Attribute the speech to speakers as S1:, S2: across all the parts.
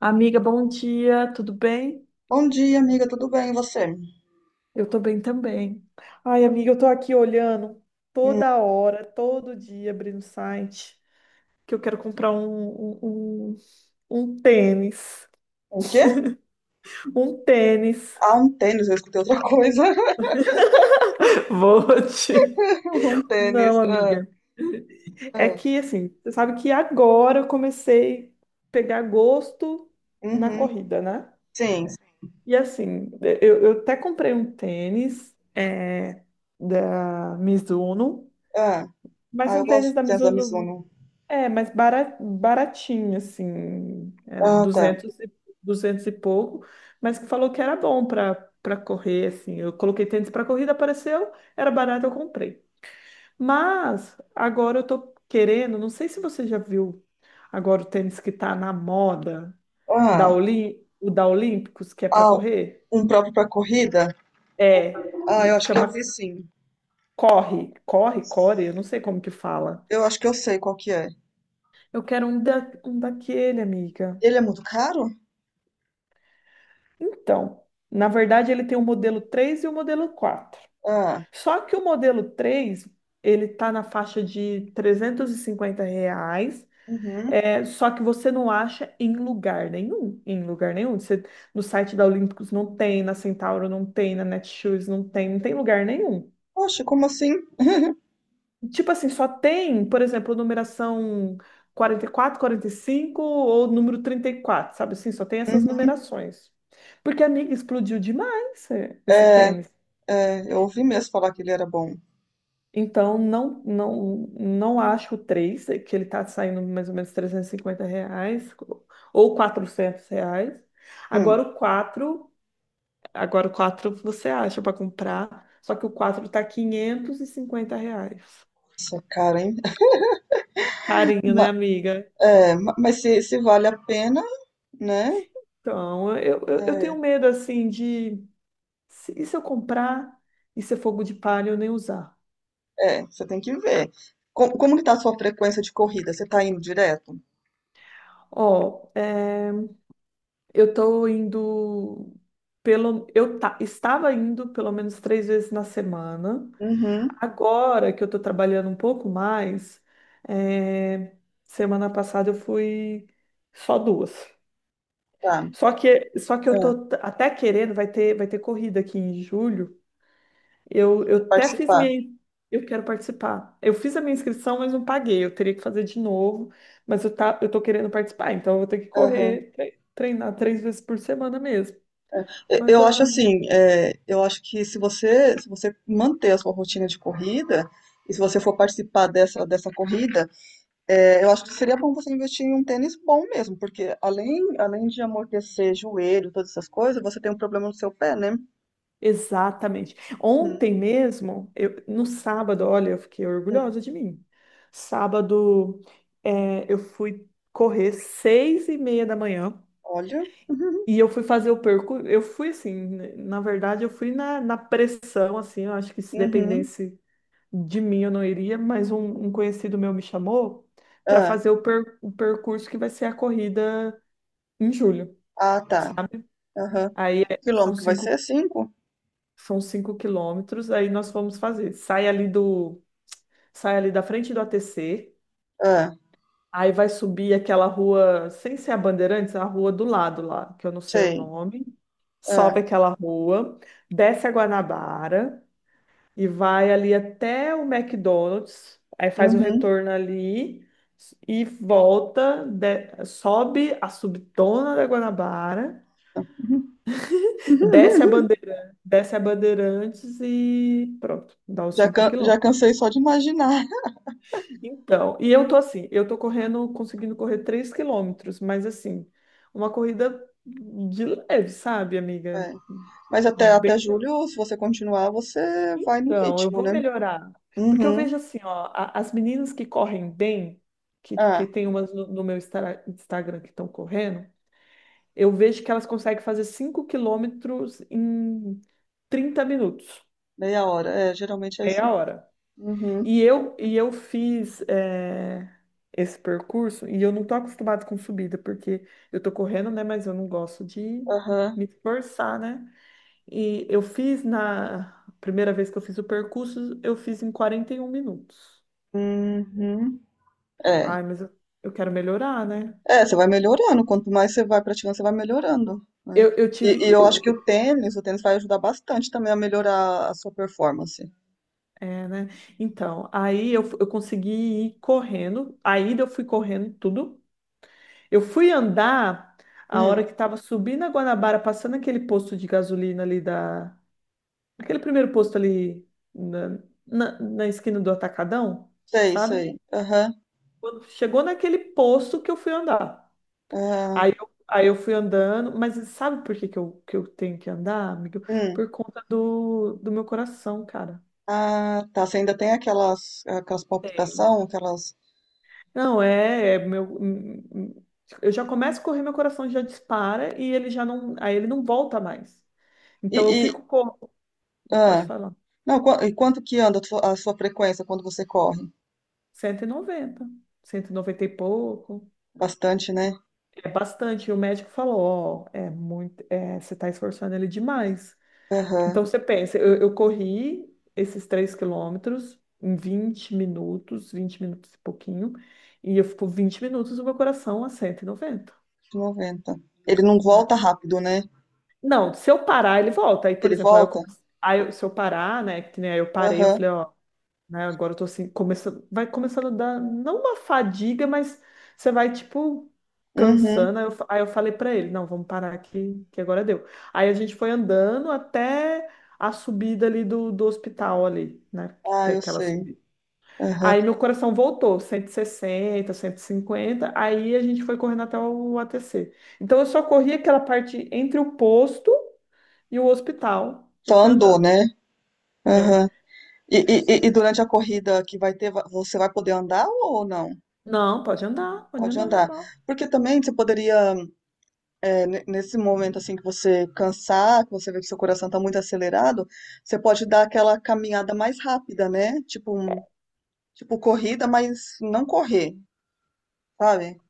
S1: Amiga, bom dia, tudo bem?
S2: Bom dia, amiga, tudo bem? E você?
S1: Eu tô bem também. Ai, amiga, eu tô aqui olhando
S2: Hum,
S1: toda hora, todo dia, abrindo o site, que eu quero comprar um tênis.
S2: o quê?
S1: Um tênis.
S2: Ah, um tênis, eu escutei outra coisa.
S1: Vou te.
S2: Um tênis.
S1: Não,
S2: Ah,
S1: amiga. É
S2: ah.
S1: que, assim, você sabe que agora eu comecei a pegar gosto na
S2: Uhum.
S1: corrida, né?
S2: Sim, sim.
S1: E, assim, eu até comprei um tênis da Mizuno,
S2: Ah,
S1: mas
S2: ah, eu
S1: um
S2: gosto
S1: tênis
S2: do
S1: da
S2: tênis da
S1: Mizuno.
S2: Mizuno.
S1: É, mas baratinho, assim,
S2: Ah, tá.
S1: 200 e pouco, mas que falou que era bom para correr, assim. Eu coloquei tênis para corrida, apareceu, era barato, eu comprei. Mas agora eu tô querendo, não sei se você já viu agora o tênis que tá na moda,
S2: Ah,
S1: O da Olímpicos, que é para
S2: ah,
S1: correr.
S2: um próprio pra corrida?
S1: É,
S2: Ah, eu acho que
S1: chama
S2: eu vi sim.
S1: Corre, Corre, Core, eu não sei como que fala.
S2: Eu acho que eu sei qual que é.
S1: Eu quero um daquele, amiga.
S2: Ele é muito caro?
S1: Então, na verdade, ele tem o modelo 3 e o modelo 4.
S2: Ah,
S1: Só que o modelo 3, ele está na faixa de R$ 350,
S2: uhum.
S1: só que você não acha em lugar nenhum, em lugar nenhum. No site da Olímpicos não tem, na Centauro não tem, na Netshoes não tem, não tem lugar nenhum.
S2: Poxa, como assim?
S1: Tipo assim, só tem, por exemplo, numeração quarenta e quatro, 45 ou número 34, sabe assim? Só tem essas
S2: Uhum.
S1: numerações. Porque, amiga, explodiu demais esse
S2: É,
S1: tênis.
S2: é, eu ouvi mesmo falar que ele era bom.
S1: Então, não acho o 3 que ele está saindo mais ou menos R$ 350 ou R$ 400.
S2: Hum,
S1: Agora o 4 agora o 4 você acha para comprar, só que o 4 está R$ 550.
S2: isso é caro, hein?
S1: Carinho, né,
S2: Ma-
S1: amiga?
S2: mas se, vale a pena. Né?
S1: Então, eu
S2: É,
S1: tenho medo, assim. De... se- E se eu comprar e ser fogo de palha e eu nem usar?
S2: é, você tem que ver. Como, que tá a sua frequência de corrida? Você tá indo direto?
S1: Ó, eu tô indo estava indo pelo menos três vezes na semana.
S2: Uhum,
S1: Agora que eu tô trabalhando um pouco mais, é, semana passada eu fui só duas.
S2: tá.
S1: Só que eu
S2: É,
S1: tô até querendo, vai ter corrida aqui em julho. Eu, eu
S2: quer
S1: até fiz minha
S2: participar.
S1: in- eu quero participar. Eu fiz a minha inscrição, mas não paguei. Eu teria que fazer de novo, mas eu tô querendo participar, então eu vou ter que
S2: Aham.
S1: correr, treinar três vezes por semana mesmo. Mas
S2: Eu acho
S1: ah,
S2: assim, é, eu acho que se você, se você manter a sua rotina de corrida, e se você for participar dessa corrida, é, eu acho que seria bom você investir em um tênis bom mesmo, porque além, além de amortecer joelho, todas essas coisas, você tem um problema no seu pé, né?
S1: exatamente. Ontem mesmo, no sábado, olha, eu fiquei
S2: Uhum.
S1: orgulhosa de mim. Sábado, eu fui correr 6h30 da manhã
S2: Olha.
S1: e eu fui fazer o percurso. Eu fui assim, né, na verdade, eu fui na pressão, assim. Eu acho que se
S2: Uhum.
S1: dependesse de mim, eu não iria. Mas um conhecido meu me chamou para
S2: Ah,
S1: fazer o percurso que vai ser a corrida em julho,
S2: ah, tá.
S1: sabe?
S2: Aham.
S1: Aí
S2: Quilômetro que vai ser? Cinco?
S1: São 5 km, aí nós fomos fazer. Sai ali da frente do ATC,
S2: Ah,
S1: aí vai subir aquela rua, sem ser a Bandeirantes, a rua do lado lá, que eu não sei o
S2: sei.
S1: nome.
S2: Ah,
S1: Sobe aquela rua, desce a Guanabara e vai ali até o McDonald's, aí faz o
S2: uhum.
S1: retorno ali e volta, sobe a subtona da Guanabara, desce a Bandeirantes e pronto, dá os
S2: Já,
S1: cinco
S2: já
S1: quilômetros.
S2: cansei só de imaginar.
S1: Então, e eu tô assim, eu tô correndo, conseguindo correr 3 km, mas assim, uma corrida de leve, sabe, amiga?
S2: É. Mas até,
S1: Bem,
S2: até julho, se você continuar, você vai no
S1: então, eu
S2: ritmo,
S1: vou
S2: né?
S1: melhorar. Porque eu
S2: Uhum.
S1: vejo assim, ó, as meninas que correm bem, que
S2: Ah,
S1: tem umas no meu Instagram que estão correndo, eu vejo que elas conseguem fazer 5 km em 30 minutos,
S2: meia hora. É, geralmente é isso.
S1: meia hora.
S2: Uhum.
S1: E eu fiz esse percurso e eu não tô acostumada com subida, porque eu tô correndo, né? Mas eu não gosto de
S2: Aham.
S1: me esforçar, né? E eu fiz na primeira vez que eu fiz o percurso, eu fiz em 41 minutos.
S2: Uhum. É.
S1: Ai, mas eu quero melhorar, né?
S2: É, você vai melhorando. Quanto mais você vai praticando, você vai melhorando, né?
S1: Eu
S2: E,
S1: tive.
S2: eu acho
S1: Eu,
S2: que o tênis vai ajudar bastante também a melhorar a sua performance.
S1: né? Então, eu consegui ir correndo. A ida eu fui correndo tudo. Eu fui andar a
S2: Hum,
S1: hora que tava subindo a Guanabara, passando aquele posto de gasolina ali da. Aquele primeiro posto ali na, na esquina do Atacadão,
S2: sei,
S1: sabe?
S2: sei. Aham.
S1: Quando chegou naquele posto que eu fui andar.
S2: Aham.
S1: Aí eu fui andando, mas sabe por que que eu tenho que andar, amigo?
S2: Hum.
S1: Por conta do meu coração, cara.
S2: Ah, tá. Você ainda tem aquelas, aquelas
S1: Tem.
S2: palpitação, aquelas.
S1: Não, é meu. Eu já começo a correr, meu coração já dispara e ele já não. Aí ele não volta mais.
S2: E,
S1: Então eu
S2: e-
S1: fico. Pode
S2: ah,
S1: falar.
S2: não, e quanto que anda a sua frequência quando você corre?
S1: 190, 190 e pouco.
S2: Bastante, né?
S1: É bastante. E o médico falou, ó, é muito, você está esforçando ele demais.
S2: Aham,
S1: Então você pensa, eu corri esses 3 km em 20 minutos, 20 minutos e pouquinho, e eu fico 20 minutos o meu coração a 190,
S2: 90. Ele não
S1: né?
S2: volta rápido, né?
S1: Não, se eu parar, ele volta. Aí, por
S2: Ele
S1: exemplo, aí eu
S2: volta?
S1: comecei, se eu parar, né, que nem aí eu parei, eu
S2: Aham,
S1: falei, ó, né? Agora eu tô assim, começando, vai começando a dar, não uma fadiga, mas você vai, tipo,
S2: uhum.
S1: cansando. Aí eu falei pra ele, não, vamos parar aqui, que agora deu. Aí a gente foi andando até a subida ali do hospital ali, né? Que
S2: Ah,
S1: é
S2: eu
S1: aquela
S2: sei.
S1: subida.
S2: Aham.
S1: Aí meu coração voltou, 160 150 aí a gente foi correndo até o ATC. Então eu só corri aquela parte entre o posto e o hospital. Eu
S2: Só
S1: fui
S2: andou,
S1: andando.
S2: né?
S1: É.
S2: Aham. E, e durante a corrida que vai ter, você vai poder andar ou não?
S1: Não, pode
S2: Pode
S1: andar
S2: andar.
S1: normal.
S2: Porque também você poderia. Nesse momento assim que você cansar, que você vê que seu coração está muito acelerado, você pode dar aquela caminhada mais rápida, né? Tipo, tipo corrida, mas não correr, sabe?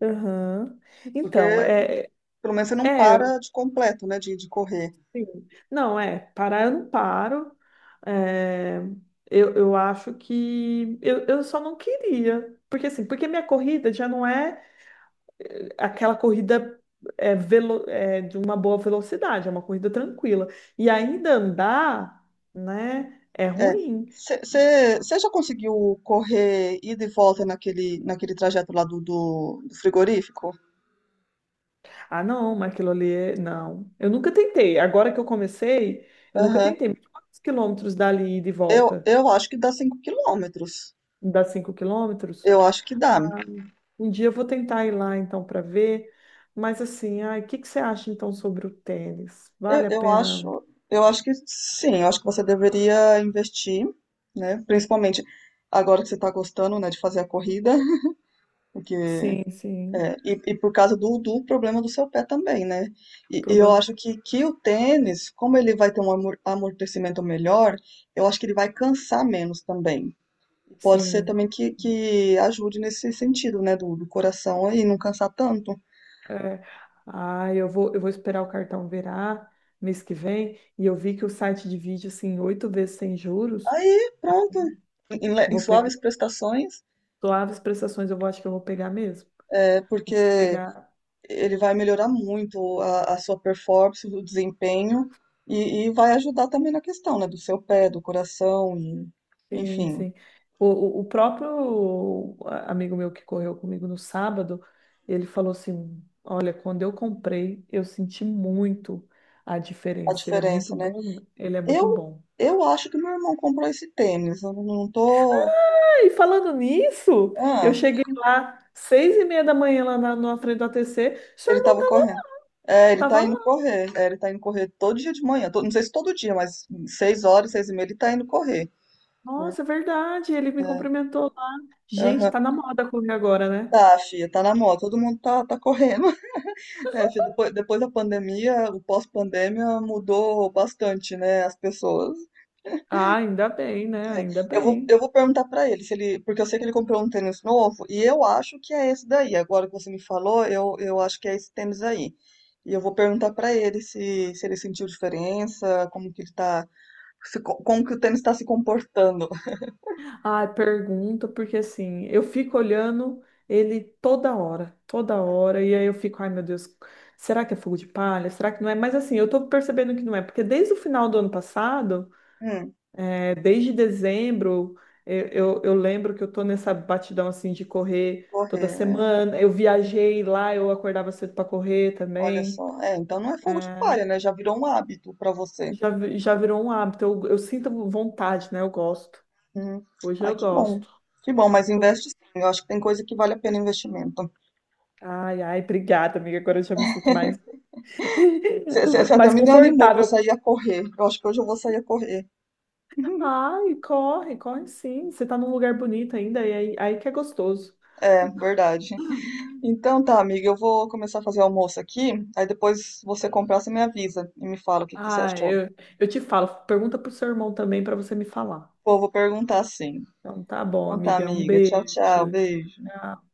S1: Aham. Então,
S2: Porque pelo menos você não
S1: é,
S2: para
S1: eu-
S2: de completo, né? De correr.
S1: sim. Não, é, parar eu não paro. É, eu acho que eu só não queria. Porque assim, porque minha corrida já não é aquela corrida de uma boa velocidade, é uma corrida tranquila. E ainda andar, né, é
S2: É.
S1: ruim.
S2: Você já conseguiu correr ida e volta naquele, naquele trajeto lá do, do frigorífico?
S1: Ah, não, mas aquilo ali é. Não. Eu nunca tentei. Agora que eu comecei, eu nunca
S2: Aham.
S1: tentei. Mas quantos quilômetros dali e de volta?
S2: Eu acho que dá 5 km.
S1: Dá 5 km?
S2: Eu acho que dá.
S1: Ah, um dia eu vou tentar ir lá então para ver. Mas assim, ai, o que que você acha então sobre o tênis? Vale
S2: Eu,
S1: a
S2: eu
S1: pena?
S2: acho, eu acho que sim, eu acho que você deveria investir, né? Principalmente agora que você está gostando, né, de fazer a corrida, porque
S1: Sim, sim.
S2: é, e por causa do, do problema do seu pé também, né?
S1: O
S2: E eu
S1: problema,
S2: acho que o tênis, como ele vai ter um amortecimento melhor, eu acho que ele vai cansar menos também. Pode ser
S1: sim.
S2: também que ajude nesse sentido, né, do, do coração aí, não cansar tanto.
S1: É. Ah, eu vou esperar o cartão virar mês que vem. E eu vi que o site divide assim oito vezes sem juros.
S2: Aí, pronto. Em, em
S1: Vou pegar
S2: suaves prestações,
S1: suaves prestações. Acho que eu vou pegar mesmo.
S2: é porque
S1: Pegar.
S2: ele vai melhorar muito a sua performance, o desempenho, e vai ajudar também na questão, né, do seu pé, do coração, e,
S1: Sim,
S2: enfim,
S1: sim. O próprio amigo meu que correu comigo no sábado, ele falou assim: Olha, quando eu comprei, eu senti muito a
S2: a
S1: diferença. Ele é muito
S2: diferença, né?
S1: bom, ele é
S2: Eu,
S1: muito bom.
S2: eu acho que meu irmão comprou esse tênis, eu não tô.
S1: Ah, e falando nisso, eu
S2: Ah,
S1: cheguei lá 6h30 da manhã lá na frente do ATC seu
S2: ele
S1: irmão
S2: tava correndo. É, ele
S1: tava,
S2: tá
S1: tava
S2: indo
S1: lá.
S2: correr, é, ele tá indo correr todo dia de manhã, não sei se todo dia, mas 6 horas, 6:30, ele tá indo correr.
S1: Nossa, é verdade, ele me
S2: É,
S1: cumprimentou lá. Gente,
S2: aham.
S1: tá na moda correr agora, né?
S2: Tá, filha, tá na moda, todo mundo tá, tá correndo. É, acho que depois, depois da pandemia, o pós-pandemia mudou bastante, né, as pessoas.
S1: Ah, ainda bem, né? Ainda
S2: É,
S1: bem.
S2: eu vou perguntar pra ele se ele, porque eu sei que ele comprou um tênis novo e eu acho que é esse daí. Agora que você me falou, eu acho que é esse tênis aí. E eu vou perguntar pra ele se, se ele sentiu diferença, como que ele tá, se co- como que o tênis tá se comportando.
S1: Ah, pergunta, porque assim, eu fico olhando ele toda hora, e aí eu fico, ai meu Deus, será que é fogo de palha? Será que não é? Mas assim, eu tô percebendo que não é, porque desde o final do ano passado,
S2: Hum,
S1: desde dezembro, eu lembro que eu tô nessa batidão assim de correr toda
S2: correr, né?
S1: semana. Eu viajei lá, eu acordava cedo para correr
S2: Olha
S1: também.
S2: só. É, então não é fogo de
S1: É,
S2: palha, né? Já virou um hábito pra você.
S1: já, já virou um hábito, eu sinto vontade, né? Eu gosto.
S2: Hum.
S1: Hoje
S2: Ai,
S1: eu
S2: que bom.
S1: gosto.
S2: Que bom, mas investe sim. Eu acho que tem coisa que vale a pena investimento.
S1: Ai, ai, obrigada, amiga. Agora eu já me sinto mais,
S2: Você até
S1: mais
S2: me animou para
S1: confortável.
S2: sair a correr. Eu acho que hoje eu vou sair a correr.
S1: Ai, corre, corre sim. Você tá num lugar bonito ainda, e aí que é gostoso.
S2: É, verdade. Então tá, amiga, eu vou começar a fazer almoço aqui. Aí depois você comprar, você me avisa e me fala o que que você
S1: Ah,
S2: achou.
S1: eu te falo. Pergunta pro seu irmão também para você me falar.
S2: Pô, vou perguntar sim.
S1: Então tá bom,
S2: Então tá,
S1: amiga. Um
S2: amiga. Tchau, tchau.
S1: beijo.
S2: Beijo.
S1: Tchau.